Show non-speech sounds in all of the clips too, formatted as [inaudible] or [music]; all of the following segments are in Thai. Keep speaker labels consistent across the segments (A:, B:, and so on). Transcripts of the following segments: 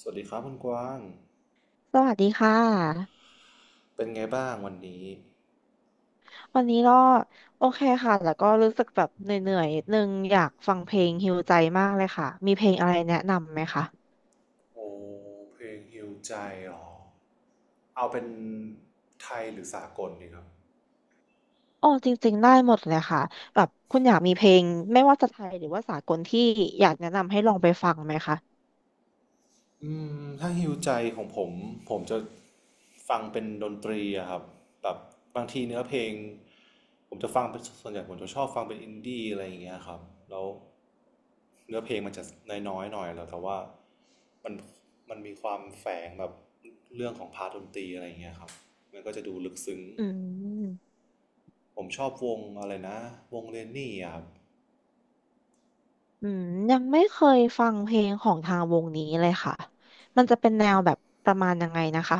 A: สวัสดีครับคุณกว้าง
B: สวัสดีค่ะ
A: เป็นไงบ้างวันนี้
B: วันนี้ก็โอเคค่ะแล้วก็รู้สึกแบบเหนื่อยๆนิดนึงอยากฟังเพลงฮีลใจมากเลยค่ะมีเพลงอะไรแนะนำไหมคะ
A: โอ้เพลงฮิวใจเหรอ เอาเป็นไทยหรือสากลดีครับ
B: อ๋อจริงๆได้หมดเลยค่ะแบบคุณอยากมีเพลงไม่ว่าจะไทยหรือว่าสากลที่อยากแนะนำให้ลองไปฟังไหมคะ
A: อืถ้าฮิวใจของผมผมจะฟังเป็นดนตรีอะครับแบบบางทีเนื้อเพลงผมจะฟังเป็นส่วนใหญ่ผมจะชอบฟังเป็นอินดี้อะไรอย่างเงี้ยครับ แล้วเนื้อเพลงมันจะน้อยๆหน่อยแล้วแต่ว่ามันมันมีความแฝงแบบเรื่องของพาร์ทดนตรีอะไรอย่างเงี้ยครับมันก็จะดูลึกซึ้ง
B: อืม
A: ผมชอบวงอะไรนะวงเรนนี่อะครับ
B: อืมยังไม่เคยฟังเพลงของทางวงนี้เลยค่ะมันจะเป็นแนวแบบประมาณยังไงนะคะ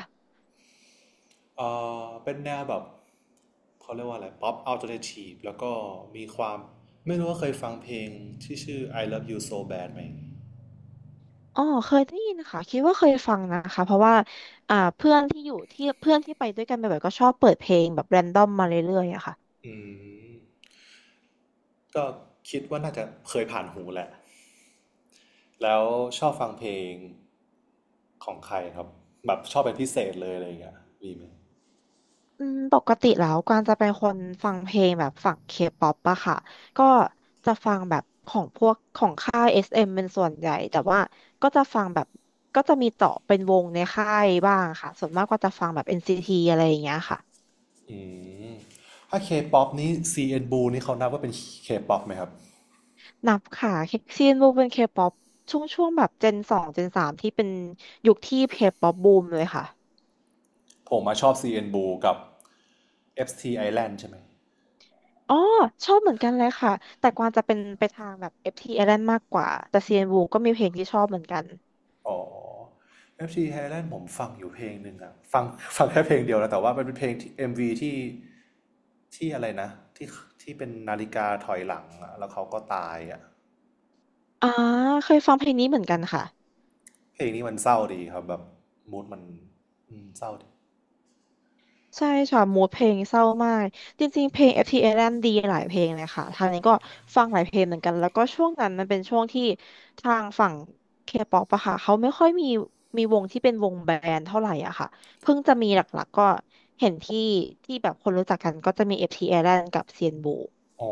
A: เอเป็นแนวแบบเขาเรียกว่าอะไรป๊อปอัลเทอร์เนทีฟแล้วก็มีความไม่รู้ว่าเคยฟังเพลงที่ชื่อ I Love You So Bad ไหม
B: อ๋อเคยได้ยินค่ะคิดว่าเคยฟังนะคะเพราะว่าเพื่อนที่ไปด้วยกันบ่อยๆก็ชอบเปิดเพลงแบบแรนดอมมาเรื่อยๆอะค่ะ
A: อืมก็คิดว่าน่าจะเคยผ่านหูแหละแล้วชอบฟังเพลงของใครครับแบบชอบเป็นพิเศษเลยอะไรอย่างเงี้ยมีไหม
B: ปกติแล้วกางจะเป็นคนฟังเพลงแบบฝั่งเคป๊อปอะค่ะก็จะฟังแบบของพวกของค่ายเอสเอ็มเป็นส่วนใหญ่แต่ว่าก็จะฟังแบบก็จะมีเจาะเป็นวงในค่ายบ้างค่ะส่วนมากก็จะฟังแบบเอ็นซีทีอะไรอย่างเงี้ยค่ะ
A: อืมถ้า K-pop นี้ CN Blue นี่เขานับว่าเป็น K-pop ไหมครับ
B: นับค่ะซีนบูมเป็นเคป๊อปช่วงแบบเจนสองเจนสามที่เป็นยุคที่เคป๊อปบูมเลยค่ะ
A: ผมมาชอบ CN Blue กับ FT Island ใช่ไหม
B: อ๋อชอบเหมือนกันเลยค่ะแต่กวางจะเป็นไปทางแบบ FT Island มากกว่าแต่ CN Blue ก็มีเพลงที่ชอบเหมือนกัน
A: อ๋อ FG Thailand ผมฟังอยู่เพลงหนึ่งอะฟัง [laughs] ฟังแค่เพลงเดียวนะแต่ว่ามันเป็นเพลงที่ MV ที่อะไรนะที่ที่เป็นนาฬิกาถอยหลังอะแล้วเขาก็ตายอะ
B: อ่าเคยฟังเพลงนี้เหมือนกันค่ะ
A: เพลงนี้มันเศร้าดีครับแบบมูดมันเศร้าดี
B: ใช่ค่ะมูดเพลงเศร้ามากจริงๆเพลง FT Island ดีหลายเพลงเลยค่ะทางนี้ก็ฟังหลายเพลงเหมือนกันแล้วก็ช่วงนั้นมันเป็นช่วงที่ทางฝั่ง K-pop อะค่ะเขาไม่ค่อยมีมีวงที่เป็นวงแบนด์เท่าไหร่อะค่ะเพิ่งจะมีหลักๆก็เห็นที่แบบคนรู้จักกันก็จะมี FT Island กับ CN b l u
A: อ๋อ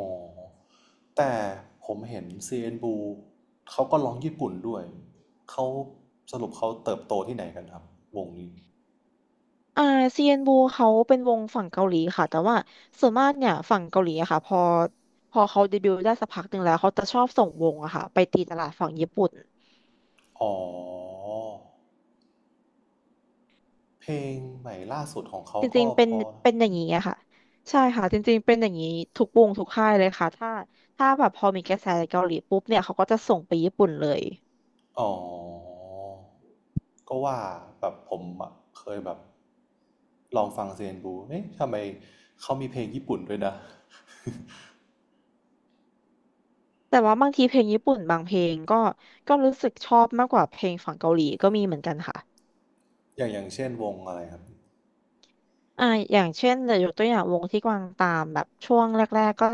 A: แต่ผมเห็น CN Blue เขาก็ร้องญี่ปุ่นด้วยเขาสรุปเขาเติบโตที่ไหนกันครับวงนี้
B: อ่าเซียนบูเขาเป็นวงฝั่งเกาหลีค่ะแต่ว่าส่วนมากเนี่ยฝั่งเกาหลีอะค่ะพอเขาเดบิวต์ได้สักพักหนึ่งแล้วเขาจะชอบส่งวงอะค่ะไปตีตลาดฝั่งญี่ปุ่น
A: อ๋อเพลงใหม่ล่าสุดของเขา
B: จริ
A: ก็
B: งๆเป็
A: พ
B: น
A: อนะ
B: เป็นอย่างนี้อะค่ะใช่ค่ะจริงๆเป็นอย่างนี้ทุกวงทุกค่ายเลยค่ะถ้าแบบพอมีกระแสเกาหลีปุ๊บเนี่ยเขาก็จะส่งไปญี่ปุ่นเลย
A: อ๋อ ก็ว่าแบบผมอะเคยแบบลองฟังเซนบูเอ๊ะทำไมเขามีเพลงญี่ปุ่นด้วยนะ
B: แต่ว่าบางทีเพลงญี่ปุ่นบางเพลงก็รู้สึกชอบมากกว่าเพลงฝั่งเกาหลีก็มีเหมือนกันค่ะ
A: อย่างเช่นวงอะไรครับ
B: อ่าอย่างเช่นเดี๋ยวยกตัวอย่างวงที่กวางตามแบบกๆก็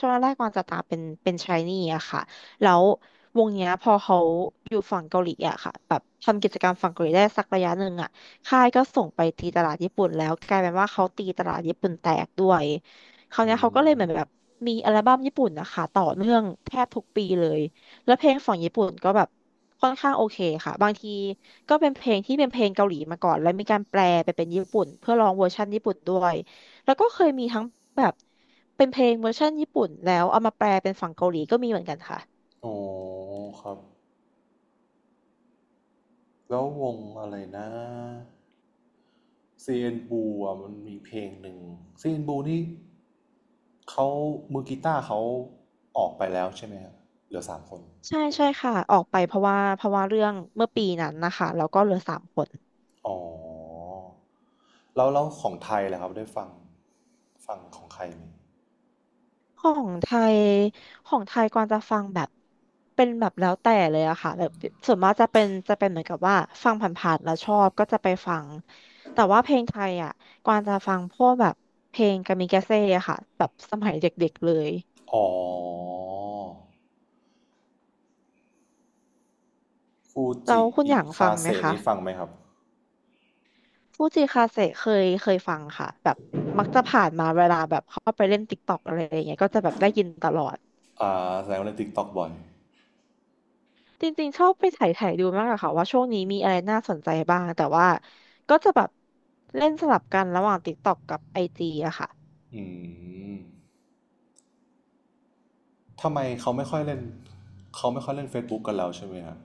B: ช่วงแรกๆกวางจะตามเป็นชายนี่อะค่ะแล้ววงเนี้ยพอเขาอยู่ฝั่งเกาหลีอะค่ะแบบทำกิจกรรมฝั่งเกาหลีได้สักระยะหนึ่งอะค่ายก็ส่งไปตีตลาดญี่ปุ่นแล้วกลายเป็นว่าเขาตีตลาดญี่ปุ่นแตกด้วยคราว
A: อื
B: เนี้ยเขา
A: ม
B: ก็เลยเหมือนแบบมีอัลบั้มญี่ปุ่นนะคะต่อเนื่องแทบทุกปีเลย แล้วเพลงของญี่ปุ่นก็แบบค่อนข้างโอเคค่ะบางทีก็เป็นเพลงที่เป็นเพลงเกาหลีมาก่อนแล้วมีการแปลไปเป็นญี่ปุ่นเพื่อลองเวอร์ชันญี่ปุ่นด้วยแล้วก็เคยมีทั้งแบบเป็นเพลงเวอร์ชันญี่ปุ่นแล้วเอามาแปลเป็นฝั่งเกาหลีก็มีเหมือนกันค่ะ
A: อ๋อครับ แล้ววงอะไรนะเซยนบูอ่ะมันมีเพลงหนึ่งเซยนบูนี่เขามือกีตาร์เขาออกไปแล้วใช่ไหมครับ เหลือ3 คน
B: ใช่
A: ถูก
B: ใช่
A: ไหม
B: ค่ะออกไปเพราะว่าเรื่องเมื่อปีนั้นนะคะแล้วก็เหลือสามคน
A: อ๋อแล้วของไทยแหล่ะครับได้ฟังฟังของใครไหม
B: ของไทยของไทยกวางจะฟังแบบเป็นแบบแล้วแต่เลยอะค่ะแบบส่วนมากจะเป็นเหมือนกับว่าฟังผ่านๆแล้วชอบก็จะไปฟังแต่ว่าเพลงไทยอะกวางจะฟังพวกแบบเพลงกามิกาเซ่อะค่ะแบบสมัยเด็กๆเลย
A: อ๋อฟู
B: แล้
A: จิ
B: วคุณอ
A: อิ
B: ย่างฟั
A: คา
B: ง
A: เซ
B: ไหมคะ
A: นี่ฟังไหมครับ
B: ฟูจิคาเซ่เคยฟังค่ะแบบมักจะผ่านมาเวลาแบบเข้าไปเล่นติ๊กต็อกอะไรอย่างเงี้ยก็จะแบบได้ยินตลอด
A: อ่าแสดงว่าเล่น TikTok บ่อย
B: จริงๆชอบไปไถ่ไถ่ดูมากอะค่ะว่าช่วงนี้มีอะไรน่าสนใจบ้างแต่ว่าก็จะแบบเล่นสลับกันระหว่าง TikTok กับ IG อจีอะค่ะ
A: อืม ทำไมเขาไม่ค่อยเล่นเขาไม่ค่อยเล่น Facebook กันแล้วใช่ไหมครับ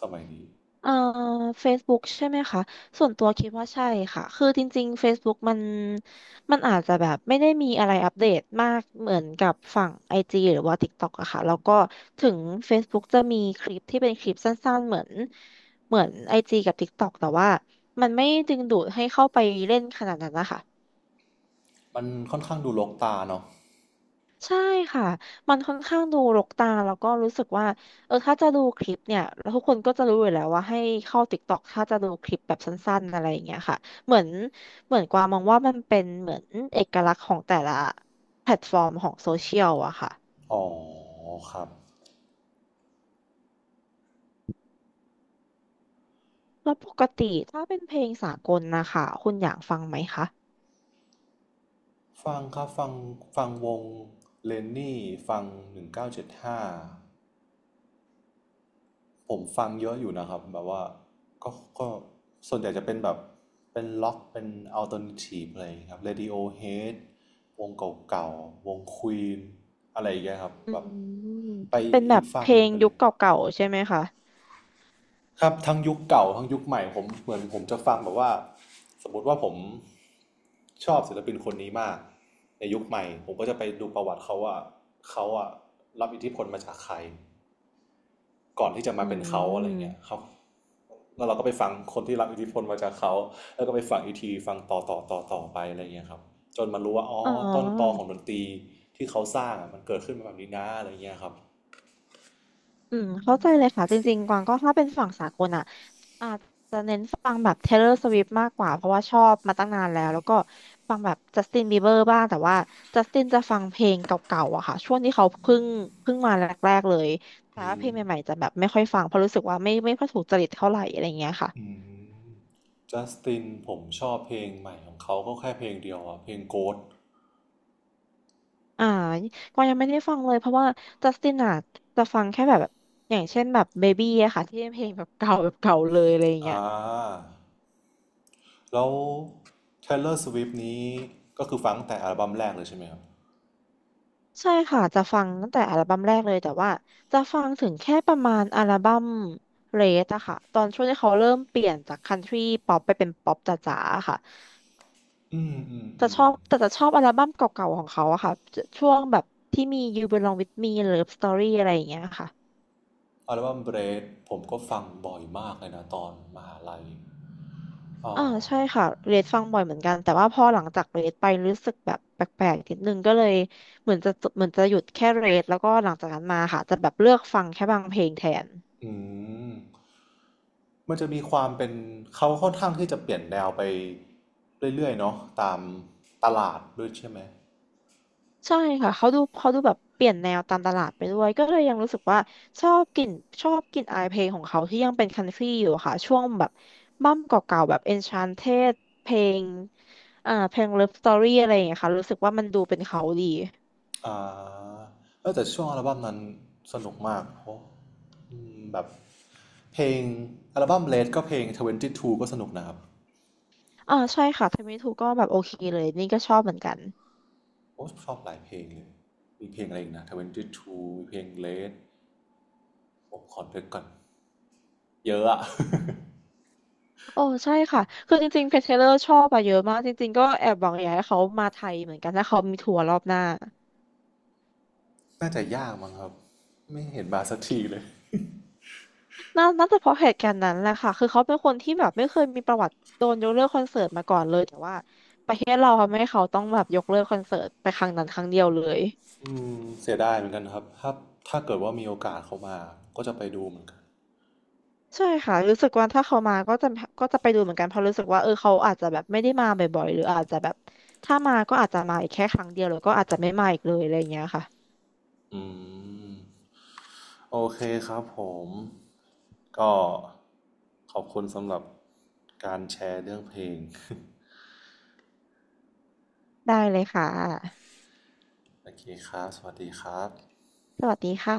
A: สมัยนี้
B: เอ่อ Facebook ใช่ไหมคะส่วนตัวคิดว่าใช่ค่ะคือจริงๆ Facebook มันอาจจะแบบไม่ได้มีอะไรอัปเดตมากเหมือนกับฝั่ง IG หรือว่า TikTok อะค่ะแล้วก็ถึง Facebook จะมีคลิปที่เป็นคลิปสั้นๆเหมือน IG กับ TikTok แต่ว่ามันไม่ดึงดูดให้เข้าไปเล่นขนาดนั้นนะคะ
A: มันค่อนข้างดูรกตาเนาะ
B: ใช่ค่ะ มันค่อนข้างดูรกตาแล้วก็รู้สึกว่า เออถ้าจะดูคลิปเนี่ยแล้วทุกคนก็จะรู้อยู่แล้วว่าให้เข้า TikTok ถ้าจะดูคลิปแบบสั้นๆอะไรอย่างเงี้ยค่ะเหมือนเหมือนกวางมองว่ามันเป็นเหมือนเอกลักษณ์ของแต่ละแพลตฟอร์มของโซเชียลอะค่ะ
A: อ๋อครับ
B: แล้วปกติถ้าเป็นเพลงสากลนะคะคุณอยากฟังไหมคะ
A: ฟังครับฟังฟังวงเลนนี่ฟัง1975 ผมฟังเยอะอยู่นะครับแบบว่าก็ก็ส่วนใหญ่จะเป็นแบบเป็นล็อกเป็นอัลเทอร์เนทีฟอะไรอย่างเงี้ยครับ Radiohead วงเก่าๆวงควีนอะไรอย่างเงี้ยครับ
B: อื
A: แบบ
B: ม
A: ไป
B: เป็นแบ
A: อี
B: บ
A: กฝา
B: เพ
A: ก
B: ล
A: หนึ่ง
B: ง
A: ไปเล
B: ยุค
A: ย
B: เก่าๆใช่ไหมคะ
A: ครับทั้งยุคเก่าทั้งยุคใหม่ผมเหมือนผมจะฟังแบบว่าสมมติว่าผมชอบศิลปินคนนี้มากในยุคใหม่ผมก็จะไปดูประวัติเขาว่าเขาอะรับอิทธิพลมาจากใคร ก่อนที่จะมา
B: อื
A: เป็นเขาอะไรเงี้ย
B: ม
A: เขาแล้วเราก็ไปฟังคนที่รับอิทธิพลมาจากเขาแล้วก็ไปฟังอีกทีฟังต่อต่อต่อต่อไปอะไรเงี้ยครับจนมารู้ว่าอ๋อ
B: อ๋
A: ต้นตอข
B: อ
A: องดนตรีที่เขาสร้างอะมันเกิดขึ้นมาแบบนี้นะอะไรเงี้ยครับ
B: อืมเข้าใจเลยค่ะจริงๆกวางก็ถ้าเป็นฝั่งสากลอ่ะ อาจจะเน้นฟังแบบ Taylor Swift มากกว่าเพราะว่าชอบมาตั้งนานแล้วแล้วก็ฟังแบบ Justin Bieber บ้างแต่ว่า Justin จะฟังเพลงเก่าๆอะค่ะช่วงที่เขาเพิ่งมาแรกๆเลยแต่
A: อื
B: ว่าเพล
A: ม
B: งใหม่ๆจะแบบไม่ค่อยฟังเพราะรู้สึกว่าไม่ค่อยถูกจริตเท่าไหร่อะไรเงี้ยค่ะ
A: อืมจัสตินผมชอบเพลงใหม่ของเขาก็แค่เพลงเดียวอะเพลง Ghost
B: อ่าก็ยังไม่ได้ฟังเลยเพราะว่า Justin อะจะฟังแค่แบบอย่างเช่นแบบ Baby อะค่ะที่เป็นเพลงแบบเก่าแบบเก่าเลยอะไรเงี้
A: อ่
B: ย
A: าแล้ว Taylor Swift นี้ก็คือฟังแต่อัลบั้มแรกเลยใช่ไหมครับ
B: ใช่ค่ะจะฟังตั้งแต่อัลบั้มแรกเลยแต่ว่าจะฟังถึงแค่ประมาณอัลบั้มเรสอะค่ะตอนช่วงที่เขาเริ่มเปลี่ยนจากคันทรีป๊อปไปเป็นป๊อปจ๋าๆอะค่ะ
A: อืมอืม
B: จะ
A: อื
B: ช
A: ม
B: อบแต่จะชอบอัลบั้มเก่าๆของเขาอะค่ะจะช่วงแบบที่มี You Belong With Me Love Story อะไรอย่างเงี้ยค่ะ
A: อัลบั้มเบรดผมก็ฟังบ่อยมากเลยนะตอนมหาลัยอ๋อ
B: อ่าใช่ค่ะเรดฟังบ่อยเหมือนกันแต่ว่าพอหลังจากเรดไปรู้สึกแบบแปลกๆนิดนึงก็เลยเหมือนจะเหมือนจะหยุดแค่เรดแล้วก็หลังจากนั้นมาค่ะจะแบบเลือกฟังแค่บางเพลงแทน
A: อืมมันจะมีความเป็นเขาค่อนข้างที่จะเปลี่ยนแนวไปเรื่อยๆเนาะตามตลาดด้วยใช่ไหม
B: ใช่ค่ะเขาดูแบบเปลี่ยนแนวตามตลาดไปด้วยก็เลยยังรู้สึกว่าชอบกลิ่นชอบกลิ่นอายเพลงของเขาที่ยังเป็นคันทรีอยู่อะค่ะช่วงแบบบั้มเก่าๆแบบ Enchanted เพลงอ่าเพลง Love Story อะไรอย่างเงี้ยค่ะรู้สึกว่ามันดูเป็นเขาดี
A: อ่าแต่ช่วงอัลบั้มนั้นสนุกมากเพราะแบบเพลงอัลบั้มเลดก็เพลง22ก็สนุกนะครับ
B: อ่าใช่ค่ะ t i m e t ูก็แบบโอเคเลยนี่ก็ชอบเหมือนกัน
A: โอ้ชอบหลายเพลงเลย มีเพลงอะไรอีกนะ22มีเพลงเลดผมขอเลืกก่อนเยอะอะ [laughs]
B: โอ้ใช่ค่ะคือจริงๆเพ t เทเลอร์ชอบอะเยอะมากจริงๆก็แอบหวังอยากให้เขามาไทยเหมือนกันถ้าเขามีทัวร์รอบหน้า
A: น่าจะยากมั้งครับไม่เห็นมาสักทีเลย
B: น่าจะเพราะเหตุการณ์นั้นแหละค่ะคือเขาเป็นคนที่แบบไม่เคยมีประวัติโดนยกเลิกคอนเสิร์ตมาก่อนเลยแต่ว่าประเทศเราทำให้เขาต้องแบบยกเลิกคอนเสิร์ตไปครั้งนั้นครั้งเดียวเลย
A: อืเสียดายเหมือนกันครับถ้าเกิดว่ามีโอกาสเขามาก็จะไปดูเหมือนกัน
B: ใช่ค่ะรู้สึกว่าถ้าเขามาก็จะไปดูเหมือนกันเพราะรู้สึกว่าเออเขาอาจจะแบบไม่ได้มาบ่อยๆหรืออาจจะแบบถ้ามาก็อาจจะมาอีกแค่ครั้งเดียวแล้วก็อาจจะไม่มาอีกเลยอะไรอย่างเงี้ยค่ะ
A: อืมโอเคครับผมก็ขอบคุณสำหรับการแชร์เรื่องเพลง
B: ได้เลยค่ะ
A: โอเคครับสวัสดีครับ
B: สวัสดีค่ะ